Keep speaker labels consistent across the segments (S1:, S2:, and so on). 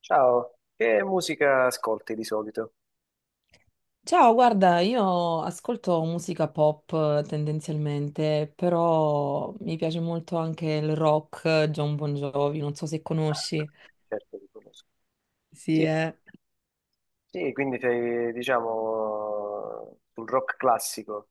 S1: Ciao, che musica ascolti di solito?
S2: Ciao, guarda, io ascolto musica pop tendenzialmente, però mi piace molto anche il rock, John Bon Jovi, non so se conosci.
S1: Certo, ti conosco.
S2: Sì,
S1: Sì,
S2: eh.
S1: sì, quindi sei, diciamo, sul rock classico.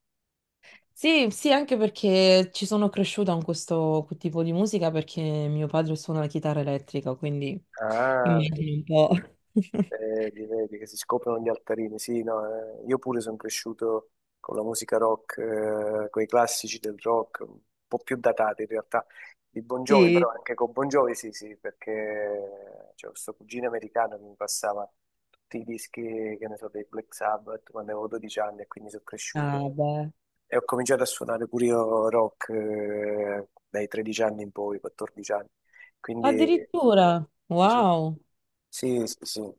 S2: Sì, sì, anche perché ci sono cresciuta con questo tipo di musica perché mio padre suona la chitarra elettrica, quindi
S1: Ah,
S2: immagino un po'.
S1: vedi, vedi che si scoprono gli altarini. Sì, no, io pure sono cresciuto con la musica rock, con i classici del rock, un po' più datati in realtà, di Bon Jovi,
S2: Sì.
S1: però anche con Bon Jovi sì, sì, perché c'è questo cugino americano che mi passava tutti i dischi, che ne so, dei Black Sabbath quando avevo 12 anni e quindi sono
S2: Ah,
S1: cresciuto.
S2: beh.
S1: E ho cominciato a suonare pure io rock dai 13 anni in poi, 14 anni. Quindi
S2: Addirittura,
S1: ci so-
S2: wow.
S1: sì, sì, sì.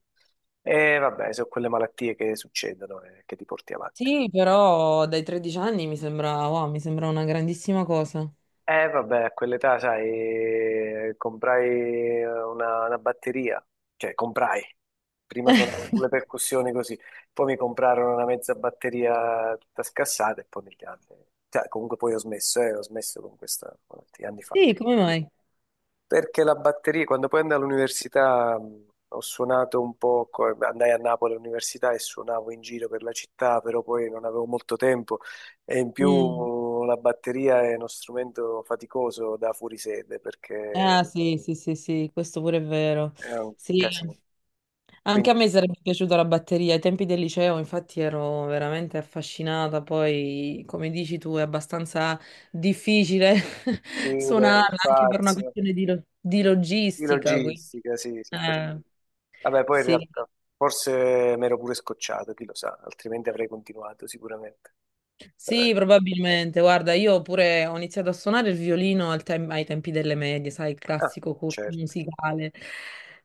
S1: E vabbè, sono quelle malattie che succedono e che ti porti avanti.
S2: Sì, però dai 13 anni mi sembra, wow, mi sembra una grandissima cosa.
S1: E vabbè, a quell'età, sai, comprai una batteria, cioè comprai. Prima suonavo con le percussioni così, poi mi comprarono una mezza batteria tutta scassata e poi negli anni. Cioè, comunque poi ho smesso con questa, con tanti anni fa.
S2: Sì, come mai?
S1: Perché la batteria, quando poi andai all'università, ho suonato un po', andai a Napoli all'università e suonavo in giro per la città, però poi non avevo molto tempo e in
S2: Mm.
S1: più la batteria è uno strumento faticoso da fuorisede perché
S2: Ah sì, sì, sì, sì, questo pure è vero.
S1: è un
S2: Sì,
S1: casino.
S2: anche a
S1: Quindi
S2: me sarebbe piaciuta la batteria. Ai tempi del liceo, infatti, ero veramente affascinata. Poi, come dici tu, è abbastanza difficile
S1: file,
S2: suonarla anche per una
S1: spazio,
S2: questione di, di
S1: di
S2: logistica. Quindi,
S1: logistica, sì, sì, per cui.
S2: eh,
S1: Vabbè, poi in
S2: sì.
S1: realtà forse mi ero pure scocciato, chi lo sa, altrimenti avrei continuato sicuramente.
S2: Sì,
S1: Eh,
S2: probabilmente. Guarda, io pure ho iniziato a suonare il violino al ai tempi delle medie, sai, il
S1: Ah,
S2: classico corso
S1: certo,
S2: musicale,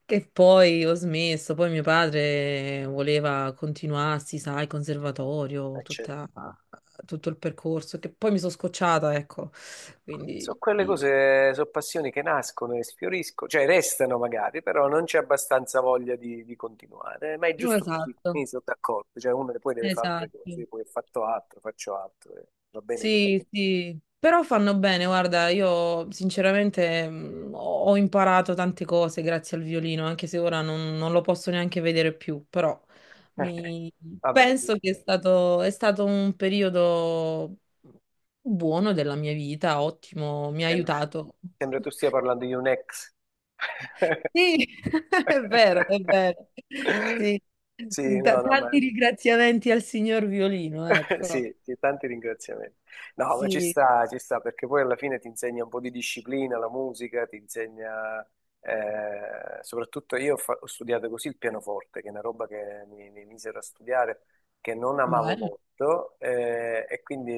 S2: che poi ho smesso. Poi mio padre voleva continuarsi, sai, conservatorio,
S1: certo.
S2: tutto il percorso, che poi mi sono scocciata, ecco.
S1: Sono
S2: Quindi,
S1: quelle
S2: sì.
S1: cose, sono passioni che nascono e sfioriscono, cioè restano magari, però non c'è abbastanza voglia di continuare. Ma è
S2: No,
S1: giusto così,
S2: esatto,
S1: mi sono d'accordo. Cioè uno poi deve fare altre cose,
S2: esatto.
S1: poi ho fatto altro, faccio altro, e va bene così.
S2: Sì, sì, però fanno bene, guarda, io sinceramente ho imparato tante cose grazie al violino, anche se ora non lo posso neanche vedere più, però mi-
S1: Vabbè,
S2: penso che è stato un periodo buono della mia vita, ottimo, mi ha
S1: sembra,
S2: aiutato.
S1: sembra tu stia parlando di un ex.
S2: Sì, è vero, è vero. Sì.
S1: Sì, no, no, ma
S2: Tanti ringraziamenti al signor violino, ecco.
S1: sì, sì, tanti ringraziamenti. No, ma
S2: Sì,
S1: ci sta, perché poi alla fine ti insegna un po' di disciplina, la musica, ti insegna, soprattutto io ho studiato così il pianoforte, che è una roba che mi misero a studiare, che non amavo
S2: bello.
S1: molto, e quindi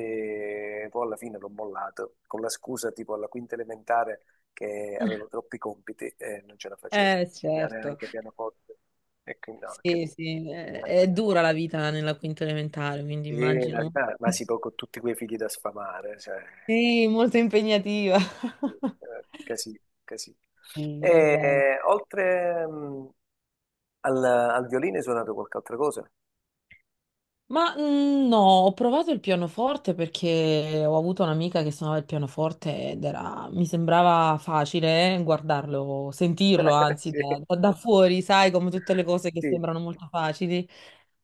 S1: poi alla fine l'ho mollato, con la scusa tipo alla quinta elementare che avevo troppi compiti e non ce la facevo, studiare
S2: Certo.
S1: anche pianoforte, e quindi no, che.
S2: Sì, sì, è dura la vita nella quinta elementare, quindi
S1: E la
S2: immagino.
S1: verità, ma sì, poi con tutti quei figli da sfamare, cioè,
S2: Sì, molto impegnativa.
S1: casino, casino.
S2: Sì, è bello.
S1: E oltre al violino hai suonato qualche altra cosa?
S2: Ma mm, no, ho provato il pianoforte perché ho avuto un'amica che suonava il pianoforte ed era, mi sembrava facile guardarlo, sentirlo, anzi,
S1: Sì,
S2: da, da fuori, sai, come tutte le cose che
S1: sì,
S2: sembrano molto facili.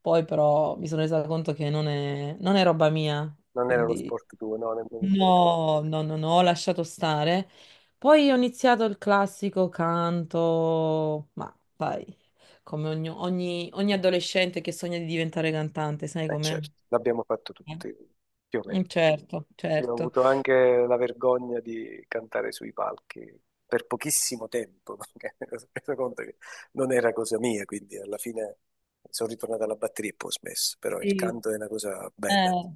S2: Poi però mi sono resa conto che non è roba mia,
S1: non era lo
S2: quindi
S1: sport tuo, no, nemmeno il mio.
S2: no, no, no, no, ho lasciato stare. Poi ho iniziato il classico canto, ma vai, come ogni, ogni adolescente che sogna di diventare cantante, sai
S1: Eh
S2: com'è?
S1: certo, l'abbiamo fatto tutti, più o meno.
S2: Mm, certo,
S1: E ho
S2: certo.
S1: avuto anche la vergogna di cantare sui palchi per pochissimo tempo, perché mi sono reso conto che non era cosa mia, quindi alla fine sono ritornato alla batteria e poi ho smesso, però il
S2: Sì.
S1: canto è una cosa bella.
S2: Eh,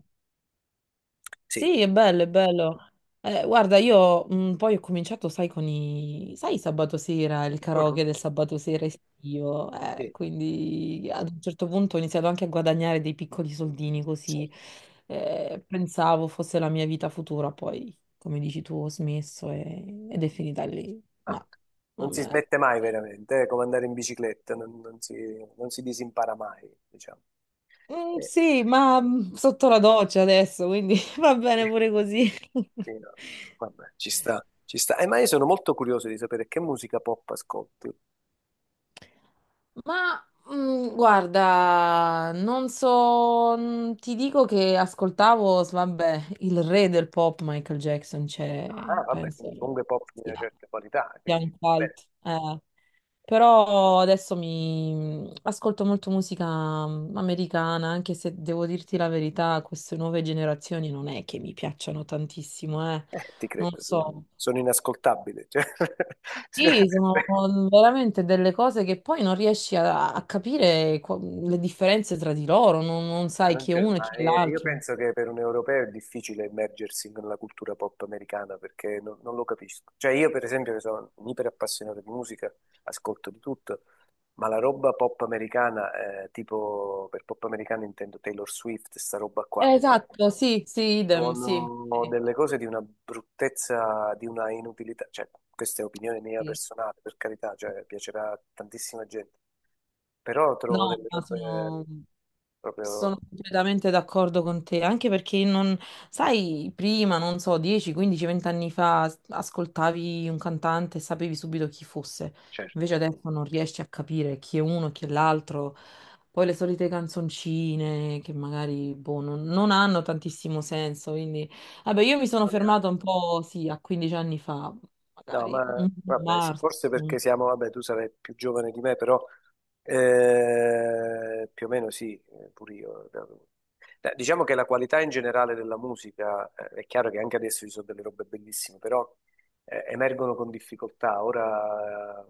S1: Sì,
S2: sì, è bello, è bello. Guarda, io poi ho cominciato, sai, con i... sai, sabato sera, il
S1: mhm.
S2: karaoke del sabato sera estivo,
S1: Sì,
S2: quindi ad un certo punto ho iniziato anche a guadagnare dei piccoli soldini
S1: certo.
S2: così, pensavo fosse la mia vita futura, poi, come dici tu, ho smesso ed è finita lì.
S1: Ah,
S2: Ma,
S1: non si
S2: vabbè.
S1: smette mai veramente, è come andare in bicicletta, non si disimpara mai, diciamo.
S2: Mm,
S1: Eh,
S2: sì, ma mm, sotto la doccia adesso, quindi va
S1: sì,
S2: bene pure così.
S1: no. Vabbè, ci sta, ci sta. Ma io sono molto curioso di sapere che musica pop ascolti.
S2: Ma mm, guarda, non so, mm, ti dico che ascoltavo, vabbè, il re del pop Michael Jackson, cioè,
S1: Ah, vabbè,
S2: penso
S1: quindi comunque pop di una
S2: sia,
S1: certa qualità,
S2: sia un
S1: quindi beh,
S2: cult. Eh. Però adesso mi mm, ascolto molto musica mm, americana, anche se devo dirti la verità, queste nuove generazioni non è che mi piacciono tantissimo, eh.
S1: ti
S2: Non
S1: credo, sono,
S2: so.
S1: sono inascoltabile, cioè,
S2: Sì, sono
S1: sicuramente.
S2: veramente delle cose che poi non riesci a capire le differenze tra di loro, non, non
S1: Ma
S2: sai
S1: non
S2: chi è
S1: c'è,
S2: uno e
S1: ma
S2: chi è
S1: io
S2: l'altro.
S1: penso che per un europeo è difficile immergersi nella cultura pop americana perché non lo capisco. Cioè io per esempio che sono un iper appassionato di musica, ascolto di tutto, ma la roba pop americana, tipo per pop americana intendo Taylor Swift, sta roba qua.
S2: Esatto, sì, sì, idem, sì,
S1: Sono
S2: sì,
S1: delle cose di una bruttezza, di una inutilità, cioè questa è opinione mia
S2: sì.
S1: personale, per carità, cioè piacerà a tantissima gente, però trovo
S2: No,
S1: delle
S2: ma
S1: robe
S2: sono... Sono
S1: proprio,
S2: completamente d'accordo con te, anche perché non, sai, prima, non so, 10, 15, 20 anni fa ascoltavi un cantante e sapevi subito chi fosse,
S1: certo,
S2: invece adesso non riesci a capire chi è uno e chi è l'altro. Poi le solite canzoncine che magari boh, non hanno tantissimo senso, quindi vabbè, io mi sono
S1: non è.
S2: fermata un po', sì, a 15 anni fa,
S1: No,
S2: magari
S1: ma
S2: un
S1: vabbè, sì,
S2: Mars.
S1: forse
S2: un-
S1: perché siamo, vabbè, tu sarai più giovane di me, però più o meno sì, pure io. Diciamo che la qualità in generale della musica, è chiaro che anche adesso ci sono delle robe bellissime, però emergono con difficoltà. Ora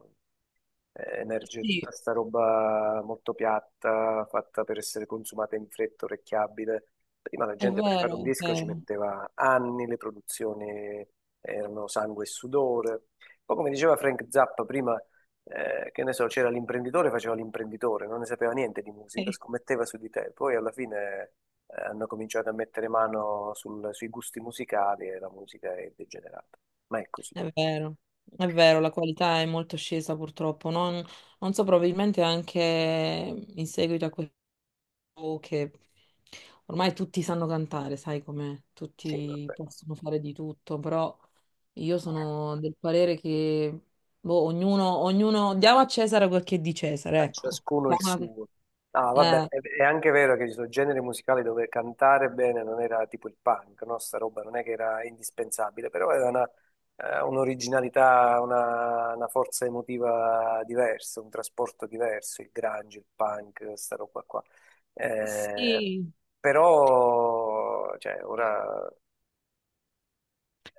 S1: emerge tutta
S2: Sì,
S1: sta roba molto piatta, fatta per essere consumata in fretta, orecchiabile. Prima la
S2: è
S1: gente per fare un
S2: vero, è
S1: disco ci
S2: vero.
S1: metteva anni, le produzioni erano sangue e sudore. Poi, come diceva Frank Zappa prima, che ne so, c'era l'imprenditore, faceva l'imprenditore, non ne sapeva niente di musica, scommetteva su di te. Poi alla fine hanno cominciato a mettere mano sui gusti musicali e la musica è degenerata. Ma è così.
S2: È vero, è vero, la qualità è molto scesa purtroppo. Non so, probabilmente anche in seguito a questo che ormai tutti sanno cantare, sai com'è?
S1: Sì,
S2: Tutti
S1: vabbè.
S2: possono fare di tutto, però io sono del parere che boh, ognuno, ognuno diamo a Cesare quel che è di Cesare, ecco.
S1: Ciascuno il
S2: Diamo
S1: suo. Ah, vabbè,
S2: la- eh,
S1: è anche vero che ci sono generi musicali dove cantare bene non era tipo il punk, no? Sta roba non è che era indispensabile, però aveva un'originalità, una forza emotiva diversa, un trasporto diverso, il grunge, il punk, sta roba qua. Eh,
S2: sì.
S1: però, cioè, ora,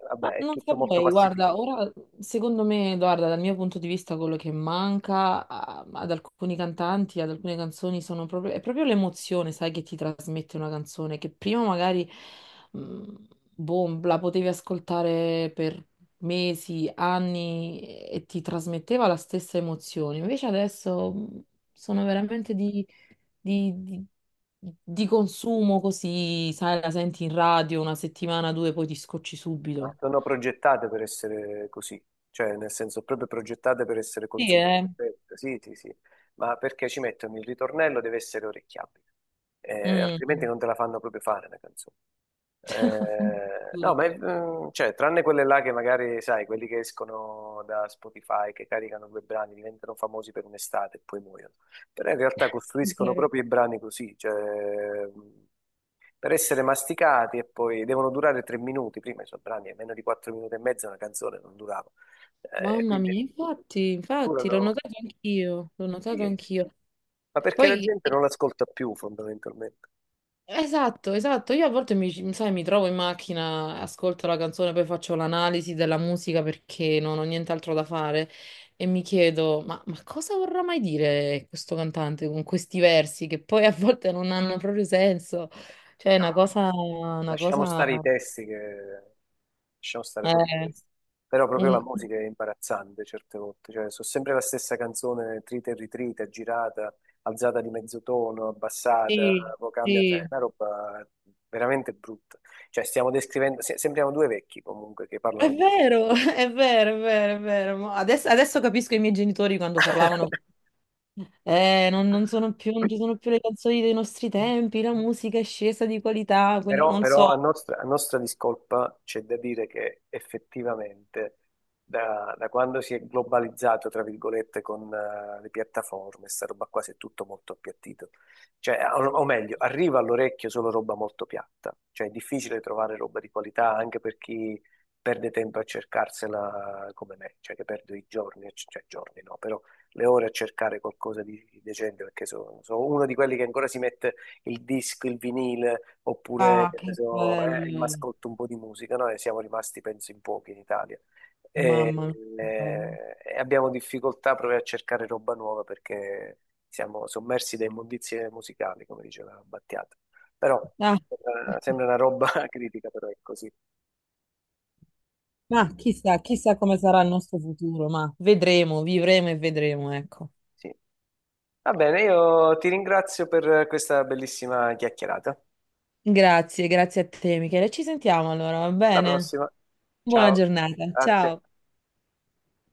S1: vabbè,
S2: Ma
S1: è
S2: non
S1: tutto molto
S2: saprei, guarda,
S1: massificato.
S2: ora secondo me, guarda, dal mio punto di vista quello che manca ad alcuni cantanti, ad alcune canzoni sono proprio, è proprio l'emozione, sai, che ti trasmette una canzone, che prima magari, mh, boh, la potevi ascoltare per mesi, anni e ti trasmetteva la stessa emozione. Invece adesso sono veramente di, di di consumo così, sai, la senti in radio una settimana, due, poi ti scocci
S1: Ma
S2: subito.
S1: sono progettate per essere così, cioè nel senso proprio progettate per essere
S2: Sì,
S1: consumate,
S2: eh.
S1: fresche. Sì, sì, sì, ma perché ci mettono il ritornello deve essere orecchiabile, altrimenti
S2: Mm.
S1: non te la fanno proprio fare la canzone. No,
S2: Addirittura.
S1: ma cioè, tranne quelle là che magari, sai, quelli che escono da Spotify, che caricano due brani, diventano famosi per un'estate e poi muoiono. Però in realtà costruiscono
S2: Vero.
S1: proprio i brani così, cioè, per essere masticati e poi devono durare 3 minuti. Prima i suoi brani, a meno di 4 minuti e mezzo, una canzone non durava.
S2: Mamma
S1: Quindi
S2: mia, infatti, infatti, l'ho
S1: durano,
S2: notato anch'io, l'ho
S1: sì,
S2: notato
S1: sì.
S2: anch'io.
S1: Ma perché la
S2: Poi,
S1: gente non l'ascolta più fondamentalmente.
S2: esatto, esatto, io a volte mi, sai, mi trovo in macchina, ascolto la canzone, poi faccio l'analisi della musica perché non ho nient'altro da fare e mi chiedo, ma cosa vorrà mai dire questo cantante con questi versi che poi a volte non hanno proprio senso? Cioè, è
S1: No,
S2: una cosa,
S1: lasciamo stare i testi che. Lasciamo stare proprio i
S2: eh,
S1: testi. Però proprio la
S2: un-
S1: musica è imbarazzante certe volte. Cioè, sono sempre la stessa canzone, trita e ritrita, girata, alzata di mezzo tono, abbassata,
S2: sì,
S1: poi cambia. Cioè, è
S2: sì.
S1: una roba veramente brutta. Cioè, stiamo descrivendo, sembriamo due vecchi comunque che
S2: È
S1: parlano di.
S2: vero, è vero, è vero, è vero. Ma adesso, adesso capisco i miei genitori quando parlavano. Non sono più, non ci sono più le canzoni dei nostri tempi, la musica è scesa di qualità, quindi
S1: Però,
S2: non
S1: però a
S2: so.
S1: nostra, a nostra discolpa c'è da dire che effettivamente da quando si è globalizzato, tra virgolette, con le piattaforme, sta roba qua si è tutto molto appiattito. Cioè, o meglio, arriva all'orecchio solo roba molto piatta. Cioè, è difficile trovare roba di qualità anche per chi perde tempo a cercarsela come me, cioè che perdo i giorni, cioè giorni no, però le ore a cercare qualcosa di decente perché sono uno di quelli che ancora si mette il disco, il vinile, oppure
S2: Ah,
S1: che ne
S2: che
S1: so, il
S2: bello.
S1: mascotto un po' di musica. Noi siamo rimasti, penso, in pochi in Italia. E,
S2: Mamma mia, che bello.
S1: e abbiamo difficoltà proprio a cercare roba nuova perché siamo sommersi da immondizie musicali, come diceva Battiato. Però
S2: Ah,
S1: eh, sembra una roba critica, però è così.
S2: ma chissà, chissà come sarà il nostro futuro, ma vedremo, vivremo e vedremo, ecco.
S1: Sì. Va bene, io ti ringrazio per questa bellissima chiacchierata.
S2: Grazie, grazie a te, Michele. Ci sentiamo allora, va
S1: Alla
S2: bene?
S1: prossima.
S2: Buona
S1: Ciao
S2: giornata,
S1: a te.
S2: ciao.